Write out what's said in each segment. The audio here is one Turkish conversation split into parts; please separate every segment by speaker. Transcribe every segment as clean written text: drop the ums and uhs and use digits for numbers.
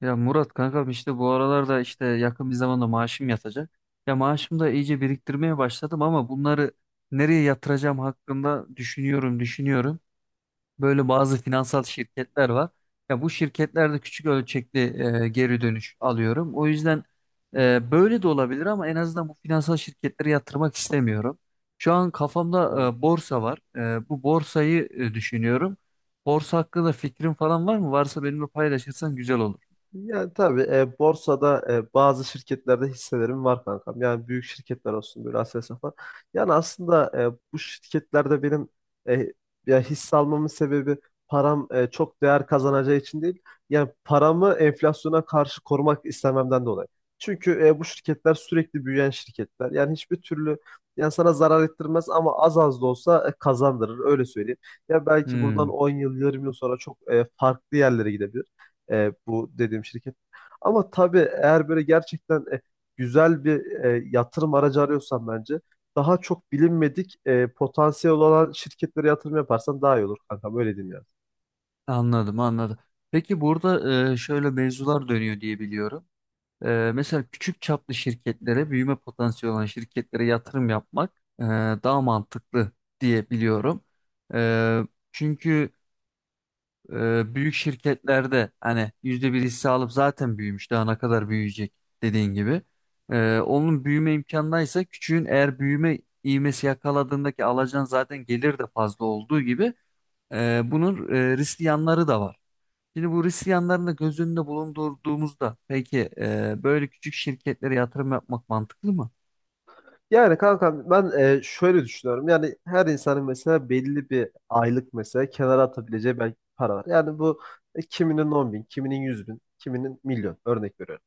Speaker 1: Ya Murat kankam işte bu aralarda işte yakın bir zamanda maaşım yatacak. Ya maaşımı da iyice biriktirmeye başladım ama bunları nereye yatıracağım hakkında düşünüyorum, düşünüyorum. Böyle bazı finansal şirketler var. Ya bu şirketlerde küçük ölçekli geri dönüş alıyorum. O yüzden böyle de olabilir ama en azından bu finansal şirketlere yatırmak istemiyorum. Şu an kafamda
Speaker 2: Doğru.
Speaker 1: borsa var. Bu borsayı düşünüyorum. Borsa hakkında fikrin falan var mı? Varsa benimle paylaşırsan güzel olur.
Speaker 2: Yani tabii borsada bazı şirketlerde hisselerim var kankam. Yani büyük şirketler olsun böyle Aselsan falan. Yani aslında bu şirketlerde benim e, ya hisse almamın sebebi param çok değer kazanacağı için değil. Yani paramı enflasyona karşı korumak istememden dolayı. Çünkü bu şirketler sürekli büyüyen şirketler. Yani hiçbir türlü yani sana zarar ettirmez ama az az da olsa kazandırır öyle söyleyeyim. Ya belki buradan
Speaker 1: Hmm.
Speaker 2: 10 yıl 20 yıl sonra çok farklı yerlere gidebilir. Bu dediğim şirket. Ama tabii eğer böyle gerçekten güzel bir yatırım aracı arıyorsan bence daha çok bilinmedik potansiyel olan şirketlere yatırım yaparsan daha iyi olur kankam öyle diyeyim yani.
Speaker 1: Anladım, anladım. Peki burada şöyle mevzular dönüyor diye biliyorum. Mesela küçük çaplı şirketlere, büyüme potansiyeli olan şirketlere yatırım yapmak e, daha mantıklı diye biliyorum. E, çünkü büyük şirketlerde hani yüzde bir hisse alıp zaten büyümüş, daha ne kadar büyüyecek dediğin gibi. Onun büyüme imkanındaysa küçüğün eğer büyüme ivmesi yakaladığındaki alacağın zaten gelir de fazla olduğu gibi bunun riskli yanları da var. Şimdi bu risk yanlarını da göz önünde bulundurduğumuzda peki böyle küçük şirketlere yatırım yapmak mantıklı mı?
Speaker 2: Yani kankam ben şöyle düşünüyorum. Yani her insanın mesela belli bir aylık mesela kenara atabileceği belki para var. Yani bu kiminin 10 bin, kiminin 100 bin, kiminin milyon örnek veriyorum.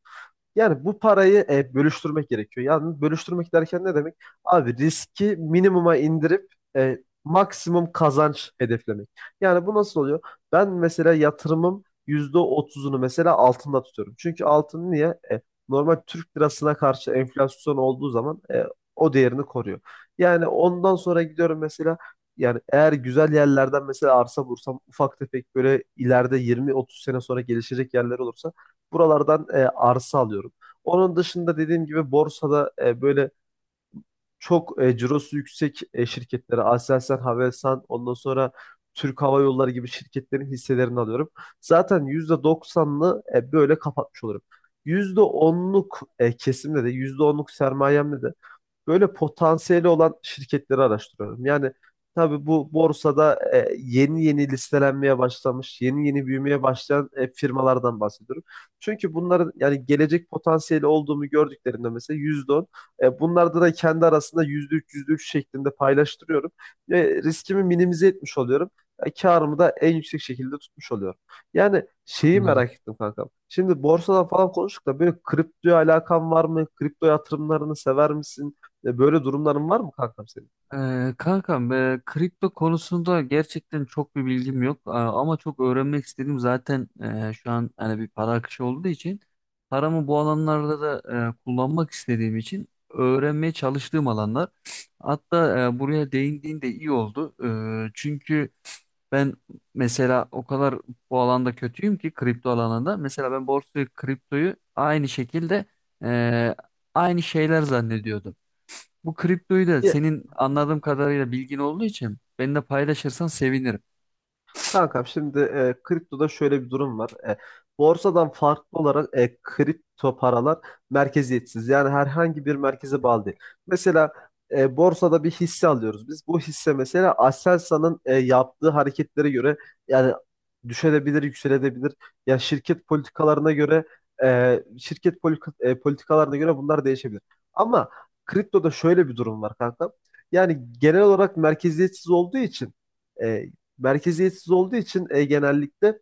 Speaker 2: Yani bu parayı bölüştürmek gerekiyor. Yani bölüştürmek derken ne demek? Abi riski minimuma indirip maksimum kazanç hedeflemek. Yani bu nasıl oluyor? Ben mesela yatırımım yüzde otuzunu mesela altında tutuyorum. Çünkü altın niye? E, Normal Türk lirasına karşı enflasyon olduğu zaman o değerini koruyor. Yani ondan sonra gidiyorum mesela yani eğer güzel yerlerden mesela arsa bulursam ufak tefek böyle ileride yirmi, otuz sene sonra gelişecek yerler olursa buralardan arsa alıyorum. Onun dışında dediğim gibi borsada böyle çok cirosu yüksek şirketlere Aselsan, Havelsan, ondan sonra Türk Hava Yolları gibi şirketlerin hisselerini alıyorum. Zaten %90'lı böyle kapatmış olurum. %10'luk kesimde de yüzde onluk sermayemde de böyle potansiyeli olan şirketleri araştırıyorum. Yani tabii bu borsada yeni yeni listelenmeye başlamış, yeni yeni büyümeye başlayan firmalardan bahsediyorum. Çünkü bunların yani gelecek potansiyeli olduğunu gördüklerinde mesela %10, bunlarda da kendi arasında %3, %3 şeklinde paylaştırıyorum ve riskimi minimize etmiş oluyorum. Karımı da en yüksek şekilde tutmuş oluyorum. Yani şeyi
Speaker 1: Anladım.
Speaker 2: merak ettim kankam. Şimdi borsadan falan konuştuk da böyle kriptoya alakan var mı? Kripto yatırımlarını sever misin? Böyle durumların var mı kankam senin?
Speaker 1: Kankam, kripto konusunda gerçekten çok bir bilgim yok. Ama çok öğrenmek istedim zaten, şu an hani bir para akışı olduğu için paramı bu alanlarda da kullanmak istediğim için öğrenmeye çalıştığım alanlar, hatta buraya değindiğin de iyi oldu. Çünkü ben mesela o kadar bu alanda kötüyüm ki kripto alanında. Mesela ben borsayı, kriptoyu aynı şekilde eee, aynı şeyler zannediyordum. Bu kriptoyu da
Speaker 2: Ya,
Speaker 1: senin anladığım kadarıyla bilgin olduğu için benimle paylaşırsan sevinirim.
Speaker 2: kankam şimdi kriptoda şöyle bir durum var. Borsadan farklı olarak kripto paralar merkeziyetsiz. Yani herhangi bir merkeze bağlı değil. Mesela borsada bir hisse alıyoruz biz. Bu hisse mesela Aselsan'ın yaptığı hareketlere göre yani düşebilir, yükselebilir. Ya şirket politikalarına göre politikalarına göre bunlar değişebilir. Ama kriptoda şöyle bir durum var kanka. Yani genel olarak merkeziyetsiz olduğu için e, genellikle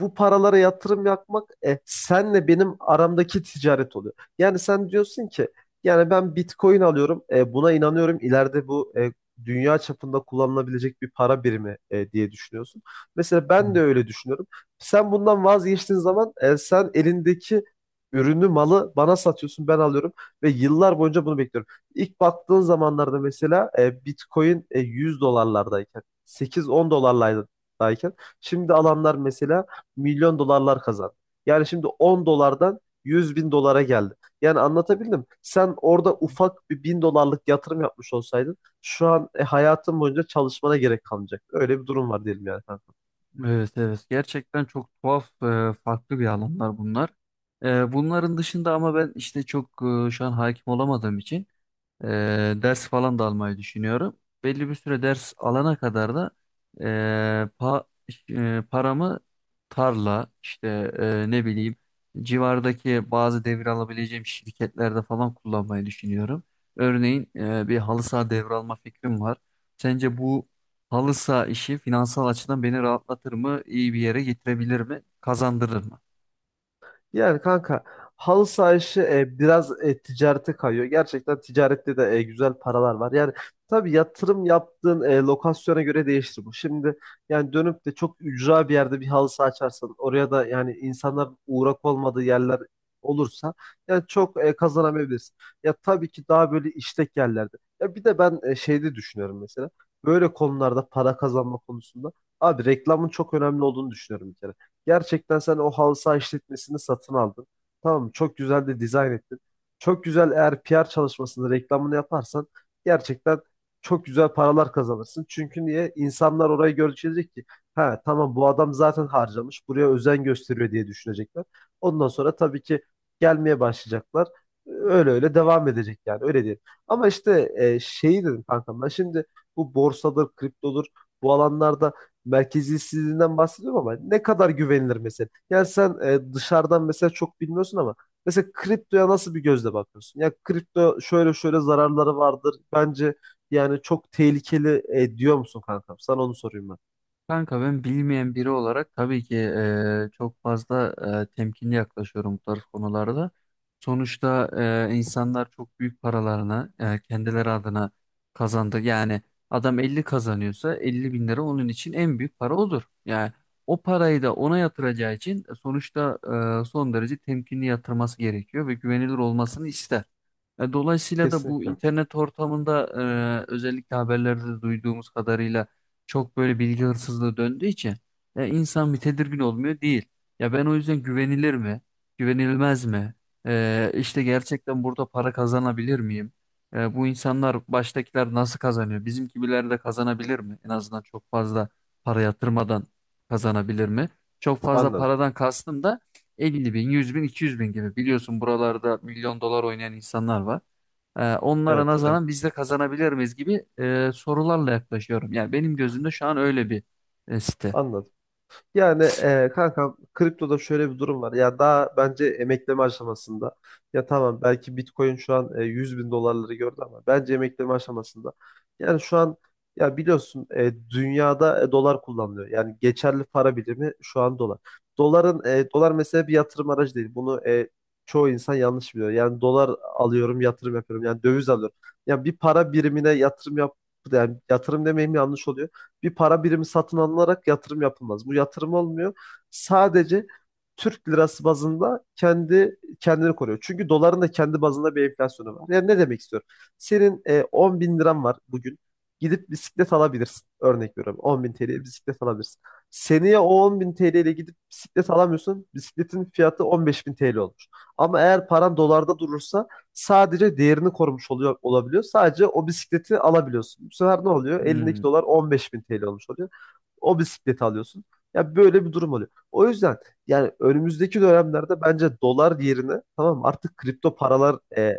Speaker 2: bu paralara yatırım yapmak senle benim aramdaki ticaret oluyor. Yani sen diyorsun ki yani ben Bitcoin alıyorum buna inanıyorum ileride bu dünya çapında kullanılabilecek bir para birimi diye düşünüyorsun. Mesela
Speaker 1: Hı.
Speaker 2: ben de öyle düşünüyorum. Sen bundan vazgeçtiğin zaman sen elindeki ürünü malı bana satıyorsun ben alıyorum ve yıllar boyunca bunu bekliyorum. İlk baktığın zamanlarda mesela Bitcoin 100 dolarlardayken 8-10 dolarlardayken şimdi alanlar mesela milyon dolarlar kazandı. Yani şimdi 10 dolardan 100 bin dolara geldi. Yani anlatabildim. Sen orada ufak bir bin dolarlık yatırım yapmış olsaydın şu an hayatın boyunca çalışmana gerek kalmayacak. Öyle bir durum var diyelim yani.
Speaker 1: Evet, evet, gerçekten çok tuhaf, farklı bir alanlar bunlar. Bunların dışında ama ben işte çok şu an hakim olamadığım için Ee, ders falan da almayı düşünüyorum. Belli bir süre ders alana kadar da ee, pa- paramı tarla işte, ne bileyim, civardaki bazı devir alabileceğim şirketlerde falan kullanmayı düşünüyorum. Örneğin bir halı saha devralma fikrim var. Sence bu halı saha işi finansal açıdan beni rahatlatır mı? İyi bir yere getirebilir mi? Kazandırır mı?
Speaker 2: Yani kanka halı saha işi biraz ticarete kayıyor. Gerçekten ticarette de güzel paralar var. Yani tabii yatırım yaptığın lokasyona göre değişir bu. Şimdi yani dönüp de çok ücra bir yerde bir halı saha açarsan oraya da yani insanlar uğrak olmadığı yerler olursa yani çok kazanamayabilirsin. Ya tabii ki daha böyle işlek yerlerde. Ya bir de ben şeyde düşünüyorum mesela. Böyle konularda para kazanma konusunda. Abi reklamın çok önemli olduğunu düşünüyorum bir kere. Gerçekten sen o halı saha işletmesini satın aldın. Tamam mı? Çok güzel de dizayn ettin. Çok güzel eğer PR çalışmasını, reklamını yaparsan gerçekten çok güzel paralar kazanırsın. Çünkü niye? İnsanlar orayı görecek ki ha tamam bu adam zaten harcamış. Buraya özen gösteriyor diye düşünecekler. Ondan sonra tabii ki gelmeye başlayacaklar. Öyle öyle devam edecek yani öyle diyelim. Ama işte şeyi dedim kankam ben şimdi bu borsadır, kriptodur bu alanlarda merkeziyetsizliğinden bahsediyorum ama ne kadar güvenilir mesela? Yani sen dışarıdan mesela çok bilmiyorsun ama mesela kriptoya nasıl bir gözle bakıyorsun? Ya kripto şöyle şöyle zararları vardır. Bence yani çok tehlikeli diyor musun kankam? Sana onu sorayım ben.
Speaker 1: Kanka, ben bilmeyen biri olarak tabii ki çok fazla temkinli yaklaşıyorum bu tarz konularda. Sonuçta insanlar çok büyük paralarını kendileri adına kazandı. Yani adam 50 kazanıyorsa 50 bin lira onun için en büyük para odur. Yani o parayı da ona yatıracağı için sonuçta son derece temkinli yatırması gerekiyor ve güvenilir olmasını ister. Dolayısıyla da bu
Speaker 2: Kesinlikle.
Speaker 1: internet ortamında özellikle haberlerde duyduğumuz kadarıyla çok böyle bilgi hırsızlığı döndüğü için ya insan bir tedirgin olmuyor değil. Ya ben o yüzden güvenilir mi? Güvenilmez mi? İşte gerçekten burada para kazanabilir miyim? Bu insanlar, baştakiler nasıl kazanıyor? Bizim gibiler de kazanabilir mi? En azından çok fazla para yatırmadan kazanabilir mi? Çok fazla
Speaker 2: Anladım.
Speaker 1: paradan kastım da 50 bin, 100 bin, 200 bin gibi. Biliyorsun buralarda milyon dolar oynayan insanlar var. Onlara
Speaker 2: Evet, evet.
Speaker 1: nazaran biz de kazanabilir miyiz gibi sorularla yaklaşıyorum. Yani benim gözümde şu an öyle bir site.
Speaker 2: Anladım. Yani kankam kriptoda şöyle bir durum var. Ya daha bence emekleme aşamasında. Ya tamam belki Bitcoin şu an 100 bin dolarları gördü ama bence emekleme aşamasında. Yani şu an ya biliyorsun dünyada dolar kullanılıyor. Yani geçerli para birimi şu an dolar. Doların dolar mesela bir yatırım aracı değil. Bunu çoğu insan yanlış biliyor. Yani dolar alıyorum yatırım yapıyorum. Yani döviz alıyorum. Yani bir para birimine yatırım yap yani yatırım demeyeyim yanlış oluyor bir para birimi satın alınarak yatırım yapılmaz. Bu yatırım olmuyor. Sadece Türk lirası bazında kendi kendini koruyor. Çünkü doların da kendi bazında bir enflasyonu var. Yani ne demek istiyorum? Senin 10 bin liran var bugün. Gidip bisiklet alabilirsin. Örnek veriyorum. 10 bin TL'ye bisiklet alabilirsin. Seneye o 10 bin TL ile gidip bisiklet alamıyorsun. Bisikletin fiyatı 15 bin TL olmuş. Ama eğer paran dolarda durursa sadece değerini korumuş oluyor olabiliyor. Sadece o bisikleti alabiliyorsun. Bu sefer ne oluyor? Elindeki
Speaker 1: Hmm,
Speaker 2: dolar 15 bin TL olmuş oluyor. O bisikleti alıyorsun. Ya böyle bir durum oluyor. O yüzden yani önümüzdeki dönemlerde bence dolar yerine tamam mı, artık kripto paralar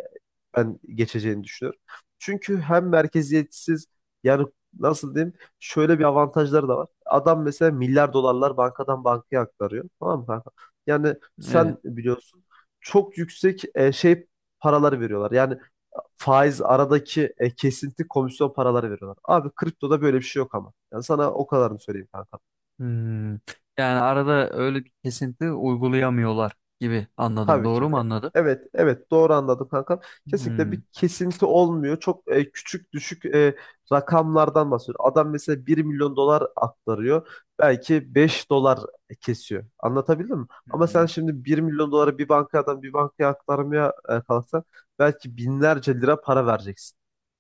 Speaker 2: ben geçeceğini düşünüyorum. Çünkü hem merkeziyetsiz yani nasıl diyeyim şöyle bir avantajları da var. Adam mesela milyar dolarlar bankadan bankaya aktarıyor. Tamam mı kanka? Yani
Speaker 1: evet.
Speaker 2: sen biliyorsun çok yüksek şey paraları veriyorlar. Yani faiz aradaki kesinti komisyon paraları veriyorlar. Abi kriptoda böyle bir şey yok ama. Yani sana o kadarını söyleyeyim kanka.
Speaker 1: Hmm. Yani arada öyle bir kesinti uygulayamıyorlar gibi anladım.
Speaker 2: Tabii ki.
Speaker 1: Doğru mu anladım?
Speaker 2: Evet, evet doğru anladım kankam. Kesinlikle
Speaker 1: Hmm.
Speaker 2: bir kesinti olmuyor. Çok küçük düşük rakamlardan bahsediyor. Adam mesela bir milyon dolar aktarıyor. Belki 5 dolar kesiyor. Anlatabildim mi? Ama sen
Speaker 1: Hmm.
Speaker 2: şimdi bir milyon doları bir bankadan bir bankaya aktarmaya kalksan belki binlerce lira para vereceksin.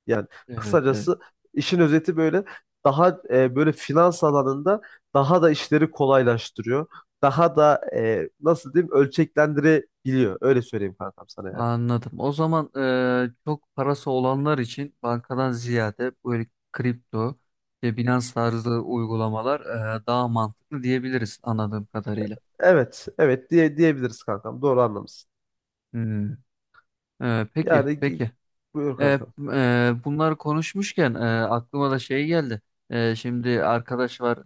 Speaker 2: Yani
Speaker 1: Evet, evet.
Speaker 2: kısacası işin özeti böyle daha böyle finans alanında daha da işleri kolaylaştırıyor daha da nasıl diyeyim ölçeklendirebiliyor. Öyle söyleyeyim kankam sana yani.
Speaker 1: Anladım. O zaman çok parası olanlar için bankadan ziyade böyle kripto ve Binance tarzı uygulamalar daha mantıklı diyebiliriz anladığım kadarıyla.
Speaker 2: Evet, evet diye diyebiliriz kankam. Doğru anlamışsın.
Speaker 1: Hmm. Peki,
Speaker 2: Yani gi-
Speaker 1: peki.
Speaker 2: Buyur
Speaker 1: E,
Speaker 2: kankam.
Speaker 1: Bunları konuşmuşken aklıma da şey geldi. Şimdi arkadaş var,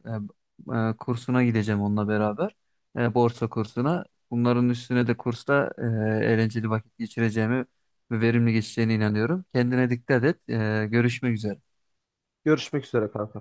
Speaker 1: kursuna gideceğim onunla beraber. Borsa kursuna. Bunların üstüne de kursta eğlenceli vakit geçireceğimi ve verimli geçeceğine inanıyorum. Kendine dikkat et. Görüşmek üzere.
Speaker 2: Görüşmek üzere kankam.